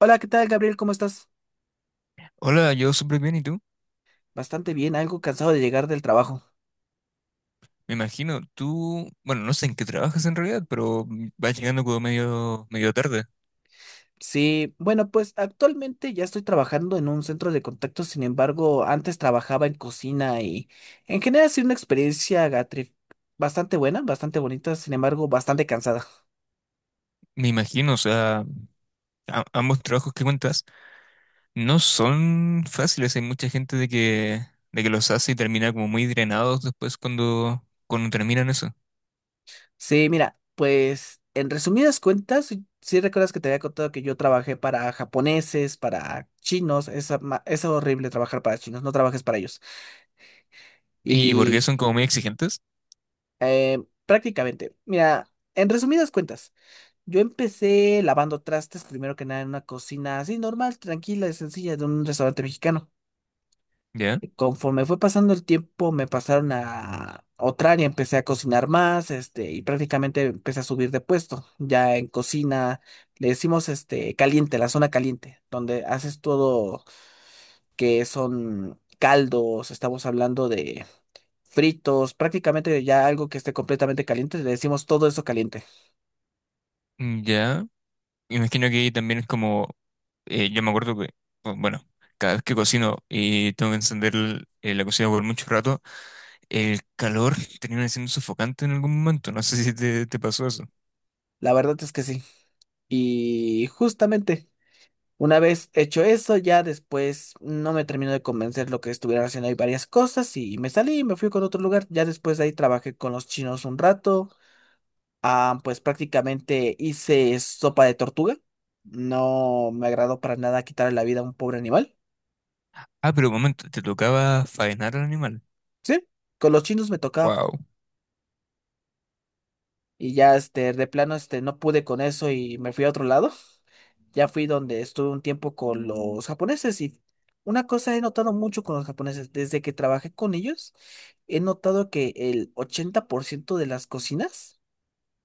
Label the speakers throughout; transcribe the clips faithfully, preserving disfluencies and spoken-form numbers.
Speaker 1: Hola, ¿qué tal, Gabriel? ¿Cómo estás?
Speaker 2: Hola, yo súper bien, ¿y tú?
Speaker 1: Bastante bien, algo cansado de llegar del trabajo.
Speaker 2: Me imagino, tú, bueno, no sé en qué trabajas en realidad, pero mm, vas llegando como medio, medio tarde.
Speaker 1: Sí, bueno, pues actualmente ya estoy trabajando en un centro de contacto, sin embargo, antes trabajaba en cocina y en general ha sido una experiencia Gatri, bastante buena, bastante bonita, sin embargo, bastante cansada.
Speaker 2: Me imagino, o sea, a- ambos trabajos que cuentas no son fáciles. Hay mucha gente de que, de que los hace y termina como muy drenados después cuando, cuando terminan eso.
Speaker 1: Sí, mira, pues en resumidas cuentas, si recuerdas que te había contado que yo trabajé para japoneses, para chinos, es, ama- es horrible trabajar para chinos, no trabajes para ellos.
Speaker 2: ¿Y, y por qué
Speaker 1: Y
Speaker 2: son como muy exigentes?
Speaker 1: Eh, Prácticamente. Mira, en resumidas cuentas, yo empecé lavando trastes primero que nada en una cocina así normal, tranquila y sencilla de un restaurante mexicano.
Speaker 2: ¿Ya?
Speaker 1: Y conforme fue pasando el tiempo, me pasaron a otra área, empecé a cocinar más, este, y prácticamente empecé a subir de puesto. Ya en cocina le decimos este caliente, la zona caliente, donde haces todo que son caldos, estamos hablando de fritos, prácticamente ya algo que esté completamente caliente, le decimos todo eso caliente.
Speaker 2: mm, Ya. Me imagino que ahí también es como, eh, yo me acuerdo que, bu- bueno, cada vez que cocino y tengo que encender el- eh, la cocina por mucho rato, el calor termina siendo sofocante en algún momento. No sé si te, te pasó eso.
Speaker 1: La verdad es que sí. Y justamente, una vez hecho eso, ya después no me terminó de convencer lo que estuvieran haciendo ahí varias cosas y me salí y me fui con otro lugar. Ya después de ahí trabajé con los chinos un rato. Ah, pues prácticamente hice sopa de tortuga. No me agradó para nada quitarle la vida a un pobre animal.
Speaker 2: Ah, pero un momento, te tocaba faenar al animal.
Speaker 1: Sí, con los chinos me tocaba.
Speaker 2: Wow.
Speaker 1: Y ya este, de plano este, no pude con eso y me fui a otro lado. Ya fui donde estuve un tiempo con los japoneses y una cosa he notado mucho con los japoneses, desde que trabajé con ellos, he notado que el ochenta por ciento de las cocinas,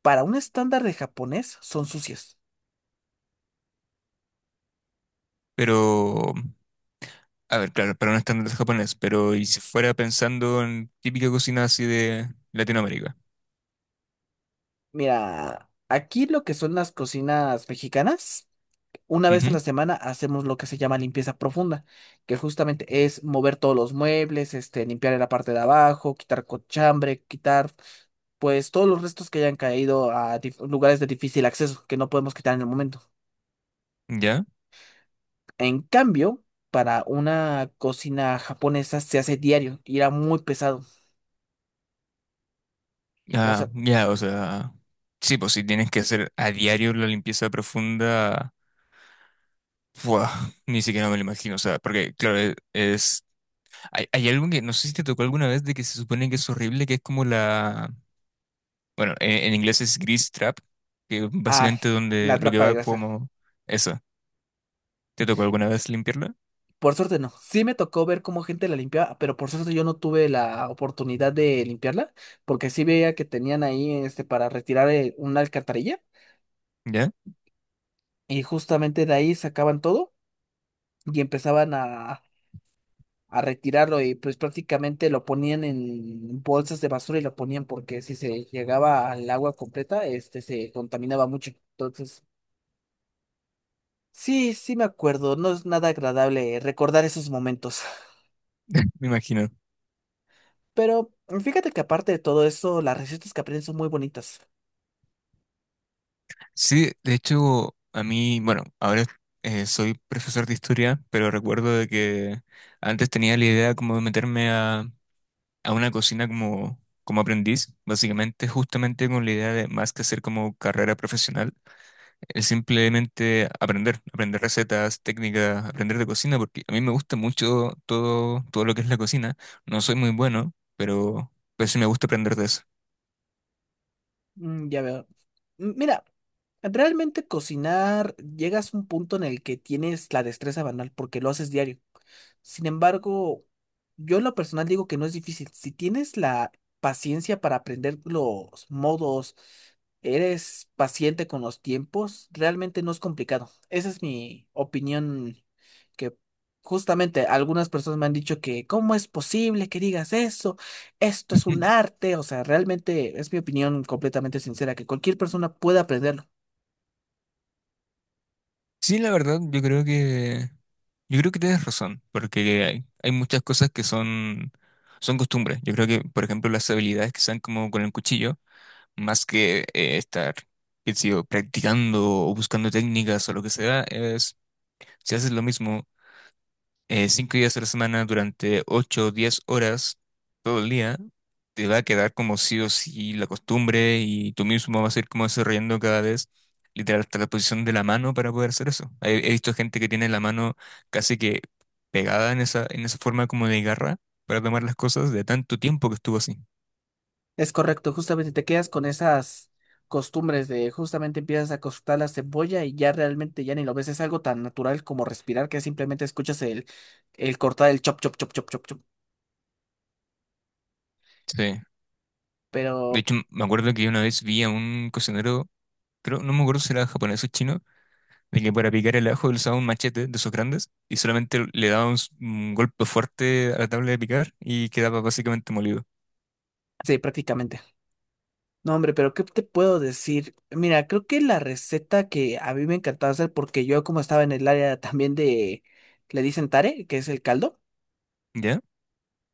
Speaker 1: para un estándar de japonés, son sucias.
Speaker 2: Pero, a ver, claro, para un estándar japonés, pero y si fuera pensando en típica cocina así de Latinoamérica.
Speaker 1: Mira, aquí lo que son las cocinas mexicanas. Una vez a la semana hacemos lo que se llama limpieza profunda, que justamente es mover todos los muebles, este, limpiar en la parte de abajo, quitar cochambre, quitar pues todos los restos que hayan caído a dif- lugares de difícil acceso que no podemos quitar en el momento.
Speaker 2: Ujú. ¿Ya?
Speaker 1: En cambio, para una cocina japonesa se hace diario y era muy pesado. O
Speaker 2: Ah,
Speaker 1: sea,
Speaker 2: ya, o sea. Sí, pues si tienes que hacer a diario la limpieza profunda. Buah, ni siquiera me lo imagino. O sea, porque, claro, e- es. Hay, hay algo que no sé si te tocó alguna vez de que se supone que es horrible, que es como la. Bueno, en, en inglés es grease trap, que
Speaker 1: ah,
Speaker 2: básicamente donde
Speaker 1: la
Speaker 2: lo que
Speaker 1: trapa de
Speaker 2: va
Speaker 1: grasa.
Speaker 2: como eso. ¿Te tocó alguna vez limpiarla?
Speaker 1: Por suerte no. Sí me tocó ver cómo gente la limpiaba, pero por suerte yo no tuve la oportunidad de limpiarla, porque sí veía que tenían ahí este para retirar eh, una alcantarilla
Speaker 2: ¿Ya?
Speaker 1: y justamente de ahí sacaban todo y empezaban a, a retirarlo y pues prácticamente lo ponían en bolsas de basura y lo ponían porque si se llegaba al agua completa, este se contaminaba mucho. Entonces, sí, sí me acuerdo, no es nada agradable recordar esos momentos.
Speaker 2: Me imagino.
Speaker 1: Pero fíjate que aparte de todo eso, las recetas que aprenden son muy bonitas.
Speaker 2: Sí, de hecho, a mí, bueno, ahora eh, soy profesor de historia, pero recuerdo de que antes tenía la idea como de meterme a, a una cocina como, como aprendiz, básicamente justamente con la idea de más que hacer como carrera profesional. Es simplemente aprender, aprender recetas, técnicas, aprender de cocina, porque a mí me gusta mucho todo, todo lo que es la cocina. No soy muy bueno, pero, pero sí me gusta aprender de eso.
Speaker 1: Mm, ya veo. M- Mira, realmente cocinar, llegas a un punto en el que tienes la destreza banal porque lo haces diario. Sin embargo, yo en lo personal digo que no es difícil. Si tienes la paciencia para aprender los modos, eres paciente con los tiempos, realmente no es complicado. Esa es mi opinión que justamente algunas personas me han dicho que ¿cómo es posible que digas eso? Esto es un arte. O sea, realmente es mi opinión completamente sincera que cualquier persona puede aprenderlo.
Speaker 2: Sí, la verdad, yo creo que, yo creo que tienes razón, porque hay, hay muchas cosas que son, son costumbres. Yo creo que, por ejemplo, las habilidades que sean como con el cuchillo, más que eh, estar, qué sé yo, practicando o buscando técnicas o lo que sea, es si haces lo mismo eh, cinco días a la semana durante ocho o diez horas todo el día, te va a quedar como sí o sí la costumbre y tú mismo vas a ir como desarrollando cada vez, literal, hasta la posición de la mano para poder hacer eso. He, he visto gente que tiene la mano casi que pegada en esa, en esa forma como de garra para tomar las cosas de tanto tiempo que estuvo así.
Speaker 1: Es correcto, justamente te quedas con esas costumbres de justamente empiezas a cortar la cebolla y ya realmente ya ni lo ves, es algo tan natural como respirar que simplemente escuchas el, el cortar el chop, chop, chop, chop, chop, chop,
Speaker 2: Sí. De
Speaker 1: pero
Speaker 2: hecho, me acuerdo que una vez vi a un cocinero, creo, no me acuerdo si era japonés o chino, de que para picar el ajo él usaba un machete de esos grandes y solamente le daba un, s- un golpe fuerte a la tabla de picar y quedaba básicamente molido.
Speaker 1: sí, prácticamente. No, hombre, pero ¿qué te puedo decir? Mira, creo que la receta que a mí me encantaba hacer, porque yo como estaba en el área también de, le dicen tare, que es el caldo.
Speaker 2: ¿Ya?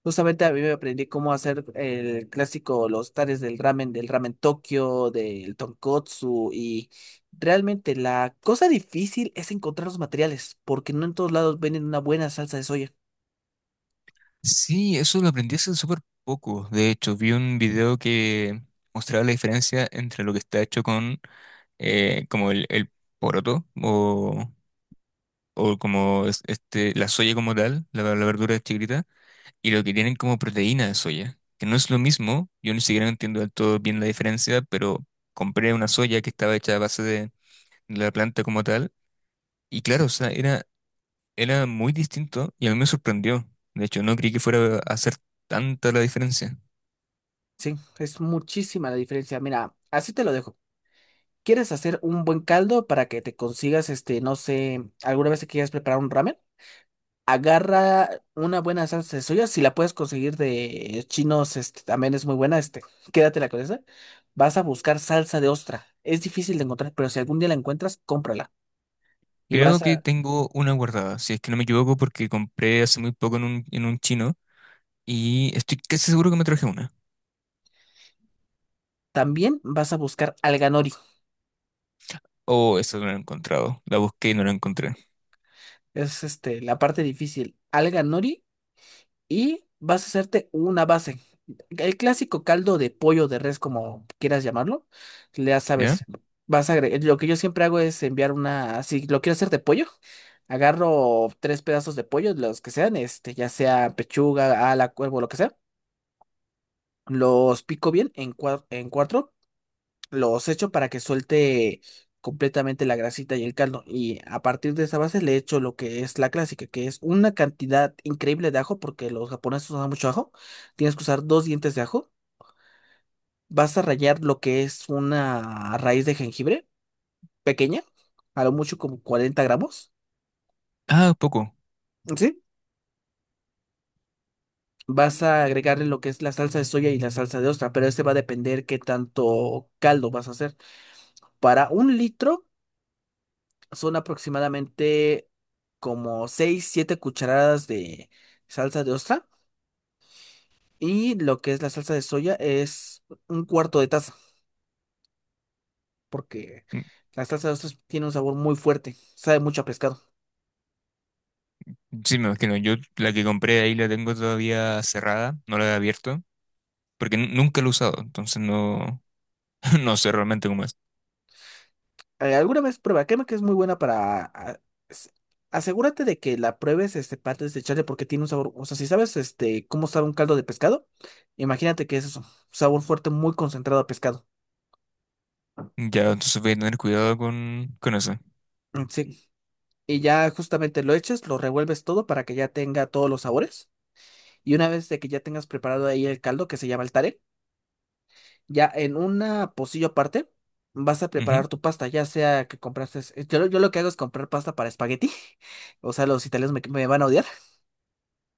Speaker 1: Justamente a mí me aprendí cómo hacer el clásico, los tares del ramen, del ramen Tokio, del tonkotsu y realmente la cosa difícil es encontrar los materiales porque no en todos lados venden una buena salsa de soya.
Speaker 2: Sí, eso lo aprendí hace súper poco. De hecho, vi un video que mostraba la diferencia entre lo que está hecho con eh, como el, el poroto o, o como es- este, la soya como tal, la, la verdura chiquita, y lo que tienen como proteína de soya, que no es lo mismo. Yo ni siquiera entiendo del todo bien la diferencia, pero compré una soya que estaba hecha a base de la planta como tal. Y claro, o sea, era, era muy distinto y a mí me sorprendió. De hecho, no creí que fuera a hacer tanta la diferencia.
Speaker 1: Sí, es muchísima la diferencia. Mira, así te lo dejo. ¿Quieres hacer un buen caldo para que te consigas, este, no sé, alguna vez que quieras preparar un ramen? Agarra una buena salsa de soya, si la puedes conseguir de chinos, este también es muy buena, este, quédatela con esa. Vas a buscar salsa de ostra. Es difícil de encontrar, pero si algún día la encuentras, cómprala. Y vas
Speaker 2: Creo que
Speaker 1: a,
Speaker 2: tengo una guardada, si es que no me equivoco, porque compré hace muy poco en un, en un chino y estoy casi seguro que me traje una.
Speaker 1: también vas a buscar alga nori.
Speaker 2: Oh, esa no la he encontrado. La busqué y no la encontré.
Speaker 1: Es este, la parte difícil. Alga nori y vas a hacerte una base. El clásico caldo de pollo de res, como quieras llamarlo, ya
Speaker 2: ¿Ya?
Speaker 1: sabes, vas a agregar, lo que yo siempre hago es enviar una, si lo quiero hacer de pollo, agarro tres pedazos de pollo, los que sean, este, ya sea pechuga, ala, cuervo, lo que sea, los pico bien en, cua- en cuatro los echo para que suelte completamente la grasita y el caldo. Y a partir de esa base le echo lo que es la clásica, que es una cantidad increíble de ajo, porque los japoneses usan mucho ajo. Tienes que usar dos dientes de ajo. Vas a rallar lo que es una raíz de jengibre pequeña, a lo mucho como cuarenta gramos.
Speaker 2: Ah, poco.
Speaker 1: ¿Sí? Vas a agregarle lo que es la salsa de soya y la salsa de ostra, pero este va a depender qué tanto caldo vas a hacer. Para un litro. Son aproximadamente como seis siete cucharadas de salsa de ostra. Y lo que es la salsa de soya es un cuarto de taza, porque
Speaker 2: Mm,
Speaker 1: la salsa de ostra tiene un sabor muy fuerte, sabe mucho a pescado.
Speaker 2: sí, me imagino. Yo la que compré ahí la tengo todavía cerrada, no la he abierto, porque n- nunca la he usado, entonces no, no sé realmente cómo es.
Speaker 1: Eh, alguna vez prueba, créeme que es muy buena para... a- as- asegúrate de que la pruebes este, parte de echarle porque tiene un sabor, o sea, si sabes este, cómo sabe un caldo de pescado, imagínate que es eso, sabor fuerte muy concentrado a pescado.
Speaker 2: Ya, entonces voy a tener cuidado con, con eso.
Speaker 1: Mm, sí, y ya justamente lo echas, lo revuelves todo para que ya tenga todos los sabores. Y una vez de que ya tengas preparado ahí el caldo que se llama el tare, ya en una pocillo aparte vas a
Speaker 2: Ujú.
Speaker 1: preparar tu pasta, ya sea que compraste, eh, yo, lo- yo lo que hago es comprar pasta para espagueti, o sea, los italianos me, me van a odiar,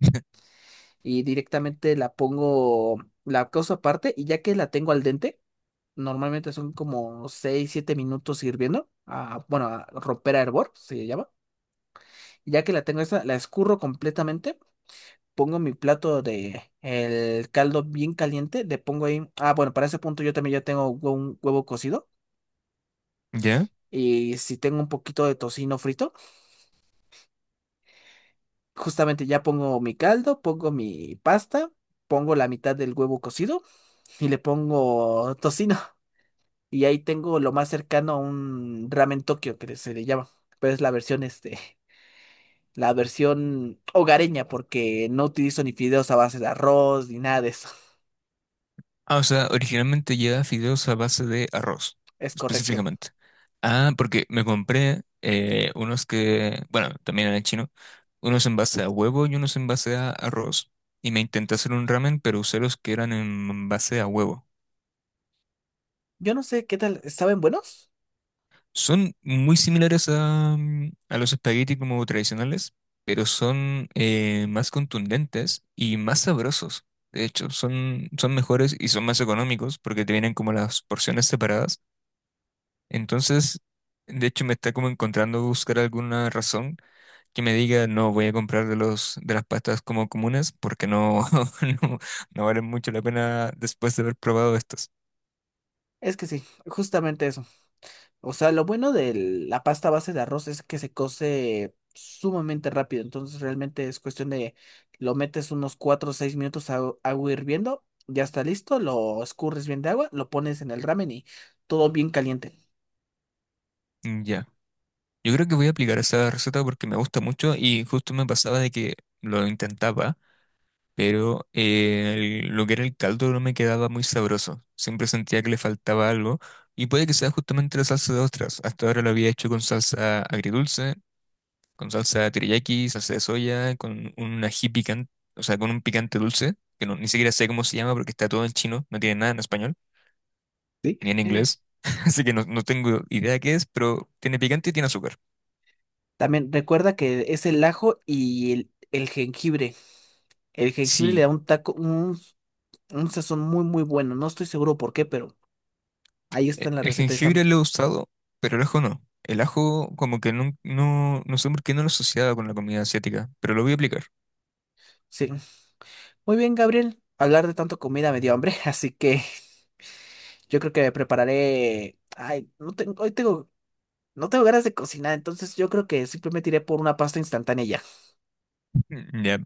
Speaker 1: y directamente la pongo, la cosa aparte, y ya que la tengo al dente, normalmente son como seis siete minutos hirviendo, a, bueno, a romper a hervor, se llama, ya que la tengo esa, la escurro completamente pongo mi plato de el caldo bien caliente, le pongo ahí, ah, bueno, para ese punto yo también ya tengo un huevo cocido
Speaker 2: ¿Ya?
Speaker 1: y si tengo un poquito de tocino frito, justamente ya pongo mi caldo, pongo mi pasta, pongo la mitad del huevo cocido y le pongo tocino y ahí tengo lo más cercano a un ramen Tokio que se le llama, pero es la versión este la versión hogareña, porque no utilizo ni fideos a base de arroz ni nada de eso.
Speaker 2: Ah, o sea, originalmente lleva fideos a base de arroz,
Speaker 1: Es correcto.
Speaker 2: específicamente. Ah, porque me compré eh, unos que, bueno, también eran chino, unos en base a huevo y unos en base a arroz. Y me intenté hacer un ramen, pero usé los que eran en base a huevo.
Speaker 1: Yo no sé qué tal, ¿saben buenos?
Speaker 2: Son muy similares a, mm, a los espaguetis como tradicionales, pero son eh, más contundentes y más sabrosos. De hecho, son, son mejores y son más económicos porque te vienen como las porciones separadas. Entonces, de hecho, me está como encontrando buscar alguna razón que me diga, no, voy a comprar de los, de las pastas como comunes porque no, no, no valen mucho la pena después de haber probado estas.
Speaker 1: Es que sí, justamente eso. O sea, lo bueno de la pasta base de arroz es que se cose sumamente rápido. Entonces, realmente es cuestión de lo metes unos cuatro o seis minutos a agua hirviendo, ya está listo, lo escurres bien de agua, lo pones en el ramen y todo bien caliente.
Speaker 2: Ya. Yo creo que voy a aplicar esa receta porque me gusta mucho y justo me pasaba de que lo intentaba, pero eh, el- lo que era el caldo no me quedaba muy sabroso. Siempre sentía que le faltaba algo y puede que sea justamente la salsa de ostras. Hasta ahora lo había hecho con salsa agridulce, con salsa teriyaki, salsa de soya, con un ají picante, o sea, con un picante dulce, que no, ni siquiera sé cómo se llama porque está todo en chino, no tiene nada en español,
Speaker 1: ¿Sí?
Speaker 2: ni en
Speaker 1: Eh.
Speaker 2: inglés. Así que no, no tengo idea qué es, pero tiene picante y tiene azúcar.
Speaker 1: También recuerda que es el ajo y el, el jengibre. El jengibre le da
Speaker 2: Sí.
Speaker 1: un taco, un, un sazón muy, muy bueno. No estoy seguro por qué, pero ahí está
Speaker 2: E-
Speaker 1: en la
Speaker 2: El
Speaker 1: receta. Y está, mu-
Speaker 2: jengibre lo he usado, pero el ajo no. El ajo como que no, no, no sé por qué no lo asociaba con la comida asiática, pero lo voy a aplicar.
Speaker 1: sí. Muy bien, Gabriel. Hablar de tanto comida me dio hambre, así que yo creo que me prepararé. Ay, no tengo, hoy tengo, no tengo ganas de cocinar, entonces yo creo que simplemente iré por una pasta instantánea y ya.
Speaker 2: Mm, ya.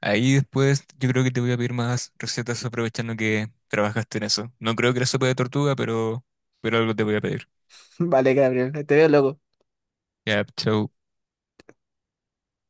Speaker 2: Ahí después yo creo que te voy a pedir más recetas aprovechando que trabajaste en eso. No creo que la sopa de tortuga, pero, pero algo te voy a pedir.
Speaker 1: Vale, Gabriel, te veo luego.
Speaker 2: Ya, chau.